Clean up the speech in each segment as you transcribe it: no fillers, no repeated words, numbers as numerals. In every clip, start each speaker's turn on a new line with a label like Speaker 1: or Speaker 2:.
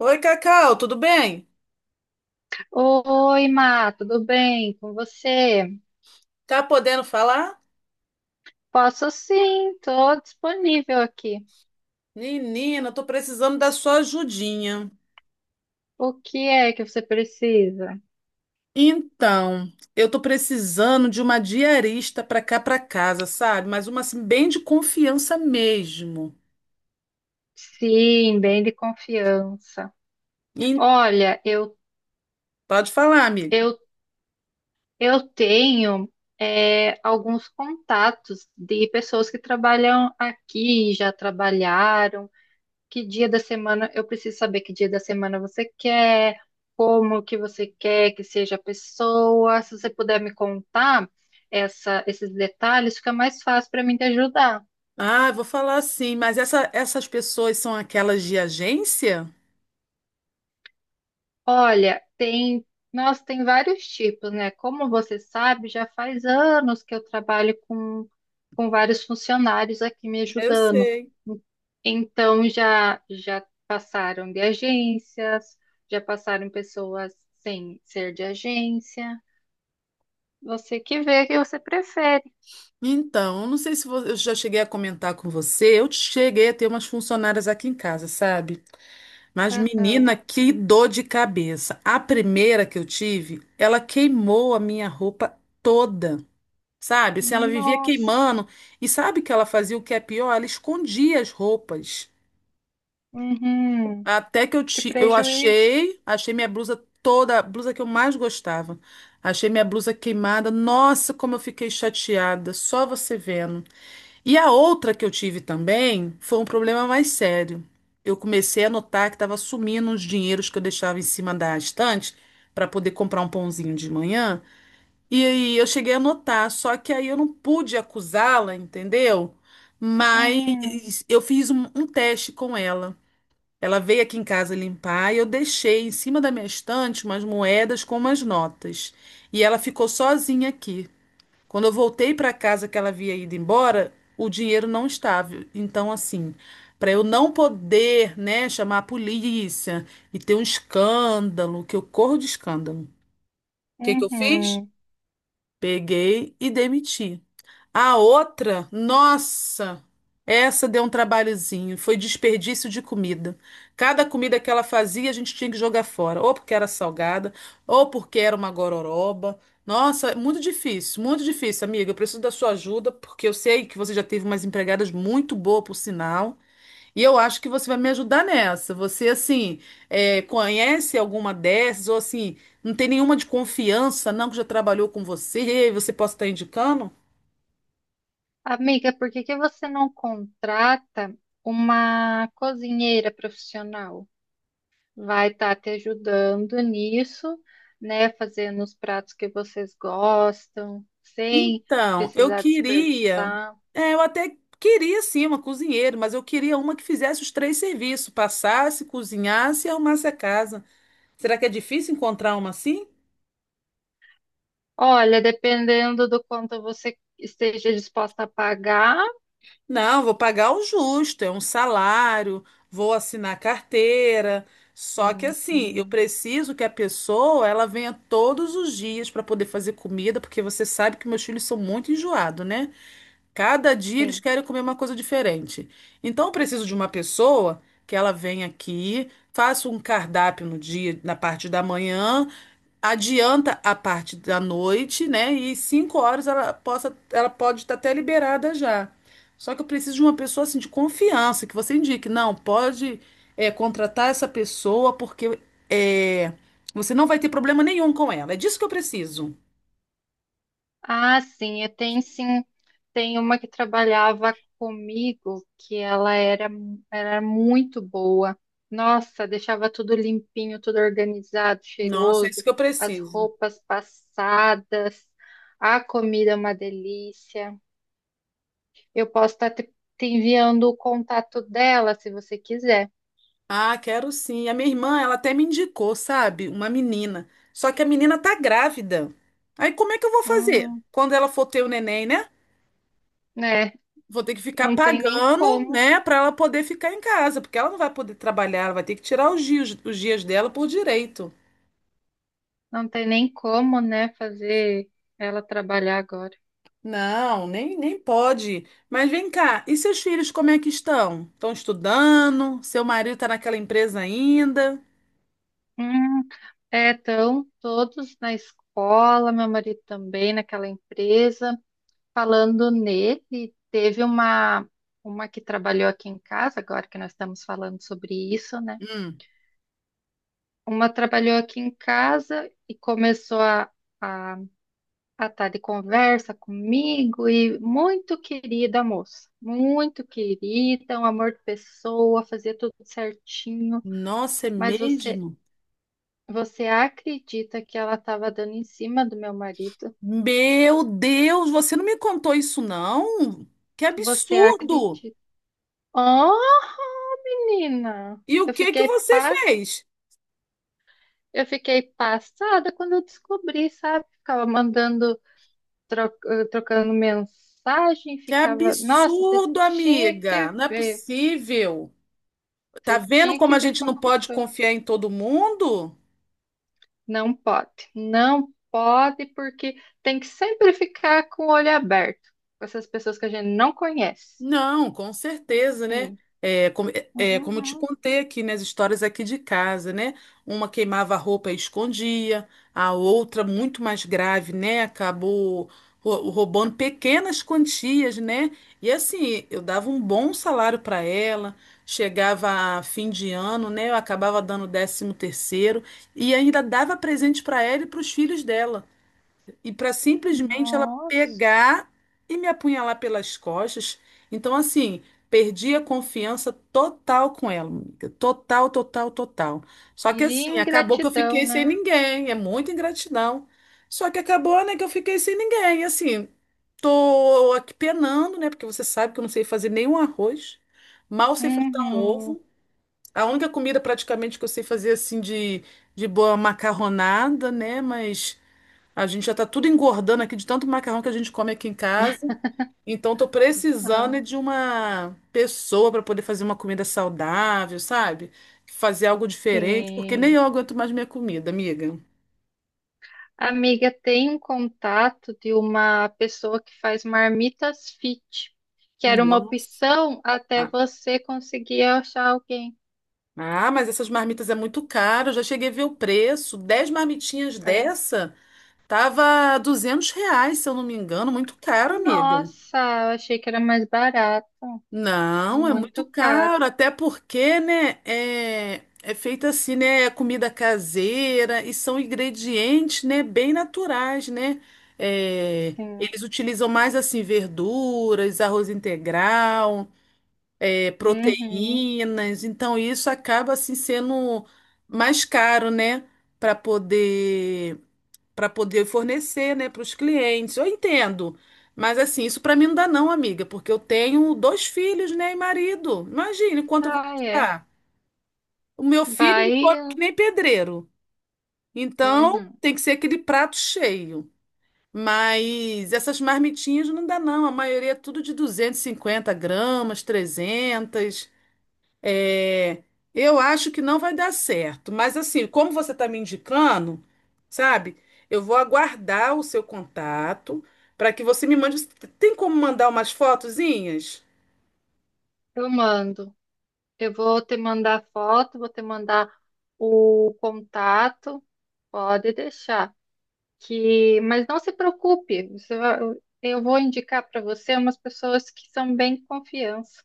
Speaker 1: Oi, Cacau, tudo bem?
Speaker 2: Oi, Má, tudo bem com você?
Speaker 1: Tá podendo falar?
Speaker 2: Posso sim, estou disponível aqui.
Speaker 1: Menina, tô precisando da sua ajudinha.
Speaker 2: O que é que você precisa?
Speaker 1: Então, eu tô precisando de uma diarista pra cá pra casa, sabe? Mas uma assim, bem de confiança mesmo.
Speaker 2: Sim, bem de confiança.
Speaker 1: E-
Speaker 2: Olha,
Speaker 1: Pode falar, amiga.
Speaker 2: eu, eu tenho alguns contatos de pessoas que trabalham aqui, já trabalharam. Que dia da semana, eu preciso saber que dia da semana você quer, como que você quer que seja a pessoa. Se você puder me contar esses detalhes, fica mais fácil para mim te ajudar.
Speaker 1: Ah, vou falar sim, mas essas pessoas são aquelas de agência?
Speaker 2: Olha, tem, nossa, tem vários tipos, né? Como você sabe, já faz anos que eu trabalho com vários funcionários aqui me
Speaker 1: Eu
Speaker 2: ajudando.
Speaker 1: sei.
Speaker 2: Então já já passaram de agências, já passaram pessoas sem ser de agência. Você que vê o que você prefere.
Speaker 1: Então, eu não sei se vo- eu já cheguei a comentar com você, eu cheguei a ter umas funcionárias aqui em casa, sabe? Mas, menina,
Speaker 2: Aham.
Speaker 1: que dor de cabeça. A primeira que eu tive, ela queimou a minha roupa toda, sabe? Assim, ela vivia
Speaker 2: Nossa.
Speaker 1: queimando. E sabe que ela fazia o que é pior? Ela escondia as roupas.
Speaker 2: Uhum.
Speaker 1: Até que
Speaker 2: Que
Speaker 1: eu
Speaker 2: prejuízo.
Speaker 1: achei minha blusa toda, a blusa que eu mais gostava. Achei minha blusa queimada. Nossa, como eu fiquei chateada. Só você vendo. E a outra que eu tive também foi um problema mais sério. Eu comecei a notar que estava sumindo os dinheiros que eu deixava em cima da estante para poder comprar um pãozinho de manhã. E aí eu cheguei a notar, só que aí eu não pude acusá-la, entendeu?
Speaker 2: Uhum.
Speaker 1: Mas eu fiz um teste com ela. Ela veio aqui em casa limpar e eu deixei em cima da minha estante umas moedas com umas notas. E ela ficou sozinha aqui. Quando eu voltei para casa que ela havia ido embora, o dinheiro não estava. Então, assim, para eu não poder, né, chamar a polícia e ter um escândalo, que eu corro de escândalo. O que que eu fiz?
Speaker 2: Uhum.
Speaker 1: Peguei e demiti. A outra, nossa, essa deu um trabalhozinho, foi desperdício de comida. Cada comida que ela fazia, a gente tinha que jogar fora, ou porque era salgada, ou porque era uma gororoba. Nossa, é muito difícil, amiga. Eu preciso da sua ajuda, porque eu sei que você já teve umas empregadas muito boas, por sinal, e eu acho que você vai me ajudar nessa. Você, assim, é, conhece alguma dessas, ou assim, não tem nenhuma de confiança, não, que já trabalhou com você, e você possa estar indicando?
Speaker 2: Amiga, por que que você não contrata uma cozinheira profissional? Vai estar te ajudando nisso, né? Fazendo os pratos que vocês gostam, sem
Speaker 1: Então, eu
Speaker 2: precisar
Speaker 1: queria,
Speaker 2: desperdiçar.
Speaker 1: é, eu até queria sim uma cozinheira, mas eu queria uma que fizesse os três serviços, passasse, cozinhasse e arrumasse a casa. Será que é difícil encontrar uma assim?
Speaker 2: Olha, dependendo do quanto você esteja disposta a pagar.
Speaker 1: Não, vou pagar o justo, é um salário, vou assinar carteira. Só que assim, eu
Speaker 2: Uhum.
Speaker 1: preciso que a pessoa ela venha todos os dias para poder fazer comida, porque você sabe que meus filhos são muito enjoados, né? Cada dia eles
Speaker 2: Sim.
Speaker 1: querem comer uma coisa diferente. Então eu preciso de uma pessoa que ela venha aqui, faça um cardápio no dia, na parte da manhã, adianta a parte da noite, né? E 5 horas ela possa, ela pode estar até liberada já. Só que eu preciso de uma pessoa assim de confiança, que você indique, não, pode é, contratar essa pessoa porque é, você não vai ter problema nenhum com ela. É disso que eu preciso.
Speaker 2: Ah, sim, eu tenho sim. Tem uma que trabalhava comigo que era muito boa. Nossa, deixava tudo limpinho, tudo organizado,
Speaker 1: Nossa, é isso
Speaker 2: cheiroso,
Speaker 1: que eu
Speaker 2: as
Speaker 1: preciso.
Speaker 2: roupas passadas, a comida é uma delícia. Eu posso te enviando o contato dela se você quiser.
Speaker 1: Ah, quero sim. A minha irmã, ela até me indicou, sabe? Uma menina. Só que a menina tá grávida. Aí como é que eu vou fazer?
Speaker 2: Hum,
Speaker 1: Quando ela for ter o neném, né?
Speaker 2: né?
Speaker 1: Vou ter que ficar
Speaker 2: Não tem nem
Speaker 1: pagando,
Speaker 2: como,
Speaker 1: né, pra ela poder ficar em casa, porque ela não vai poder trabalhar, ela vai ter que tirar os os dias dela por direito.
Speaker 2: não tem nem como, né, fazer ela trabalhar agora.
Speaker 1: Não, nem pode. Mas vem cá, e seus filhos como é que estão? Estão estudando? Seu marido tá naquela empresa ainda?
Speaker 2: Hum, é, estão todos na escola, meu marido também naquela empresa. Falando nele, teve uma que trabalhou aqui em casa, agora que nós estamos falando sobre isso, né?
Speaker 1: Hum,
Speaker 2: Uma trabalhou aqui em casa e começou a, a estar de conversa comigo e muito querida a moça, muito querida, um amor de pessoa, fazia tudo certinho,
Speaker 1: nossa, é
Speaker 2: mas
Speaker 1: mesmo?
Speaker 2: você acredita que ela estava dando em cima do meu marido?
Speaker 1: Meu Deus, você não me contou isso, não? Que
Speaker 2: Você
Speaker 1: absurdo!
Speaker 2: acredita? Oh, menina!
Speaker 1: E o que que você fez?
Speaker 2: Eu fiquei passada quando eu descobri, sabe? Ficava mandando, trocando mensagem,
Speaker 1: Que
Speaker 2: ficava. Nossa, você
Speaker 1: absurdo,
Speaker 2: tinha
Speaker 1: amiga!
Speaker 2: que
Speaker 1: Não é
Speaker 2: ver.
Speaker 1: possível. Tá
Speaker 2: Você
Speaker 1: vendo
Speaker 2: tinha
Speaker 1: como
Speaker 2: que
Speaker 1: a
Speaker 2: ver
Speaker 1: gente não
Speaker 2: como que
Speaker 1: pode
Speaker 2: foi.
Speaker 1: confiar em todo mundo?
Speaker 2: Não pode. Não pode, porque tem que sempre ficar com o olho aberto com essas pessoas que a gente não conhece.
Speaker 1: Não, com certeza, né?
Speaker 2: Sim.
Speaker 1: Como eu te
Speaker 2: Uhum.
Speaker 1: contei aqui nas histórias aqui de casa, né? Uma queimava a roupa e escondia, a outra, muito mais grave, né? Acabou roubando pequenas quantias, né? E assim, eu dava um bom salário para ela, chegava a fim de ano, né? Eu acabava dando décimo terceiro e ainda dava presente para ela e para os filhos dela e para simplesmente ela
Speaker 2: Nossa,
Speaker 1: pegar e me apunhalar pelas costas. Então, assim, perdi a confiança total com ela, amiga. Total, total, total.
Speaker 2: que
Speaker 1: Só que assim, acabou que eu
Speaker 2: ingratidão,
Speaker 1: fiquei sem
Speaker 2: né?
Speaker 1: ninguém. É muita ingratidão. Só que acabou, né, que eu fiquei sem ninguém. E assim, tô aqui penando, né, porque você sabe que eu não sei fazer nenhum arroz, mal sei fritar um
Speaker 2: Uhum.
Speaker 1: ovo. A única comida praticamente que eu sei fazer assim de boa macarronada, né? Mas a gente já tá tudo engordando aqui de tanto macarrão que a gente come aqui em casa. Então tô
Speaker 2: Ah,
Speaker 1: precisando é de uma pessoa para poder fazer uma comida saudável, sabe? Fazer algo diferente, porque nem
Speaker 2: sim.
Speaker 1: eu aguento mais minha comida, amiga.
Speaker 2: Amiga, tem um contato de uma pessoa que faz marmitas fit, que era uma
Speaker 1: Nossa.
Speaker 2: opção até
Speaker 1: Ah,
Speaker 2: você conseguir achar alguém.
Speaker 1: ah, mas essas marmitas é muito caro. Eu já cheguei a ver o preço. 10 marmitinhas
Speaker 2: É.
Speaker 1: dessa tava R$ 200, se eu não me engano. Muito caro, amiga.
Speaker 2: Nossa, eu achei que era mais barato,
Speaker 1: Não, é muito
Speaker 2: muito caro.
Speaker 1: caro, até porque, né, é feita assim, né, é comida caseira e são ingredientes, né, bem naturais, né? É,
Speaker 2: Sim.
Speaker 1: eles utilizam mais assim verduras, arroz integral, é,
Speaker 2: Uhum.
Speaker 1: proteínas, então isso acaba assim sendo mais caro, né, para poder para poder fornecer, né, para os clientes. Eu entendo, mas assim, isso para mim não dá não, amiga, porque eu tenho dois filhos, né, e marido. Imagine quanto eu vou
Speaker 2: Ah, é.
Speaker 1: gastar. O meu filho ele
Speaker 2: Vai.
Speaker 1: come que nem pedreiro. Então,
Speaker 2: Uhum.
Speaker 1: tem que ser aquele prato cheio. Mas essas marmitinhas não dá não, a maioria é tudo de 250 gramas, 300. É, eu acho que não vai dar certo, mas assim, como você está me indicando, sabe? Eu vou aguardar o seu contato para que você me mande. Tem como mandar umas fotozinhas?
Speaker 2: Eu mando. Eu vou te mandar foto, vou te mandar o contato, pode deixar. Que, mas não se preocupe, você vai- Eu vou indicar para você umas pessoas que são bem confiança.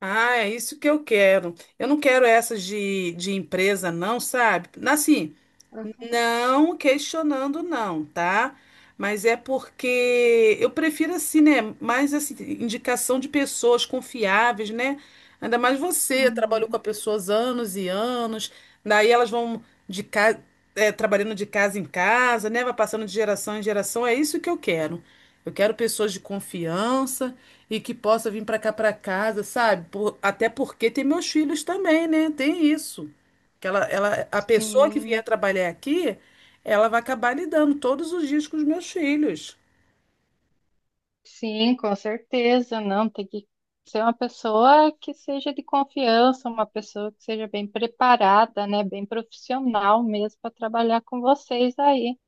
Speaker 1: Ah, é isso que eu quero. Eu não quero essas de empresa, não, sabe? Assim, não questionando, não, tá? Mas é porque eu prefiro assim, né? Mais assim, indicação de pessoas confiáveis, né? Ainda mais você, trabalhou com
Speaker 2: Uhum.
Speaker 1: as pessoas anos e anos, daí elas vão de casa, trabalhando de casa em casa, né? Vai passando de geração em geração. É isso que eu quero. Eu quero pessoas de confiança e que possa vir para cá para casa, sabe? Até porque tem meus filhos também, né? Tem isso. Que a pessoa que vier
Speaker 2: Sim,
Speaker 1: trabalhar aqui, ela vai acabar lidando todos os dias com os meus filhos.
Speaker 2: sim, com certeza. Não, tem que ser uma pessoa que seja de confiança, uma pessoa que seja bem preparada, né? Bem profissional mesmo para trabalhar com vocês aí.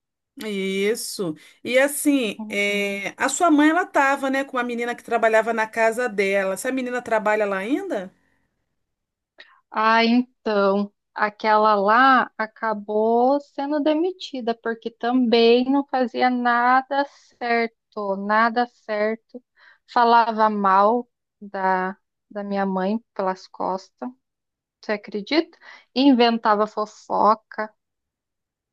Speaker 1: Isso. E assim,
Speaker 2: Uhum.
Speaker 1: é, a sua mãe, ela tava, né, com uma menina que trabalhava na casa dela. Essa menina trabalha lá ainda?
Speaker 2: Ah, então, aquela lá acabou sendo demitida, porque também não fazia nada certo. Falava mal da, da minha mãe pelas costas, você acredita? Inventava fofoca,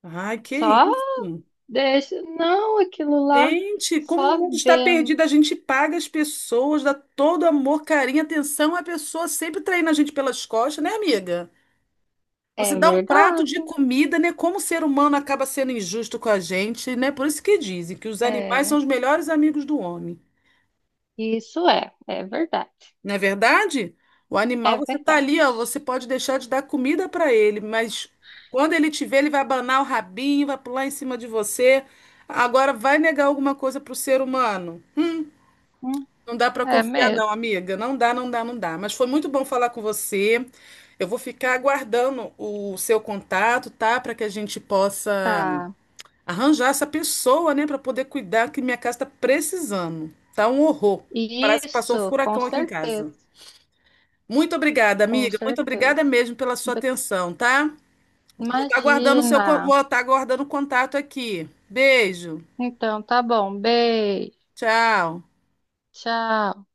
Speaker 1: Ai, que
Speaker 2: só
Speaker 1: isso.
Speaker 2: deixa. Não, aquilo lá,
Speaker 1: Gente, como o
Speaker 2: só
Speaker 1: mundo está perdido,
Speaker 2: vento.
Speaker 1: a gente paga as pessoas, dá todo amor, carinho, atenção, a pessoa sempre traindo a gente pelas costas, né, amiga? Você
Speaker 2: É
Speaker 1: dá um prato
Speaker 2: verdade,
Speaker 1: de comida, né? Como o ser humano acaba sendo injusto com a gente, né? Por isso que dizem que os animais são
Speaker 2: é.
Speaker 1: os melhores amigos do homem.
Speaker 2: Isso é, é verdade,
Speaker 1: Não é verdade? O animal,
Speaker 2: é
Speaker 1: você tá ali, ó,
Speaker 2: verdade.
Speaker 1: você pode deixar de dar comida para ele, mas quando ele te vê, ele vai abanar o rabinho, vai pular em cima de você. Agora, vai negar alguma coisa pro ser humano?
Speaker 2: Hum,
Speaker 1: Não dá para
Speaker 2: é
Speaker 1: confiar, não,
Speaker 2: mesmo.
Speaker 1: amiga. Não dá, não dá, não dá. Mas foi muito bom falar com você. Eu vou ficar aguardando o seu contato, tá? Para que a gente possa
Speaker 2: Tá.
Speaker 1: arranjar essa pessoa, né, para poder cuidar, que minha casa tá precisando. Tá um horror. Parece que passou um
Speaker 2: Isso, com
Speaker 1: furacão aqui em
Speaker 2: certeza,
Speaker 1: casa. Muito obrigada,
Speaker 2: com
Speaker 1: amiga. Muito obrigada
Speaker 2: certeza.
Speaker 1: mesmo pela sua
Speaker 2: Be-
Speaker 1: atenção, tá? Vou estar aguardando
Speaker 2: Imagina.
Speaker 1: vou estar aguardando o contato aqui. Beijo.
Speaker 2: Então, tá bom. Beijo.
Speaker 1: Tchau.
Speaker 2: Tchau.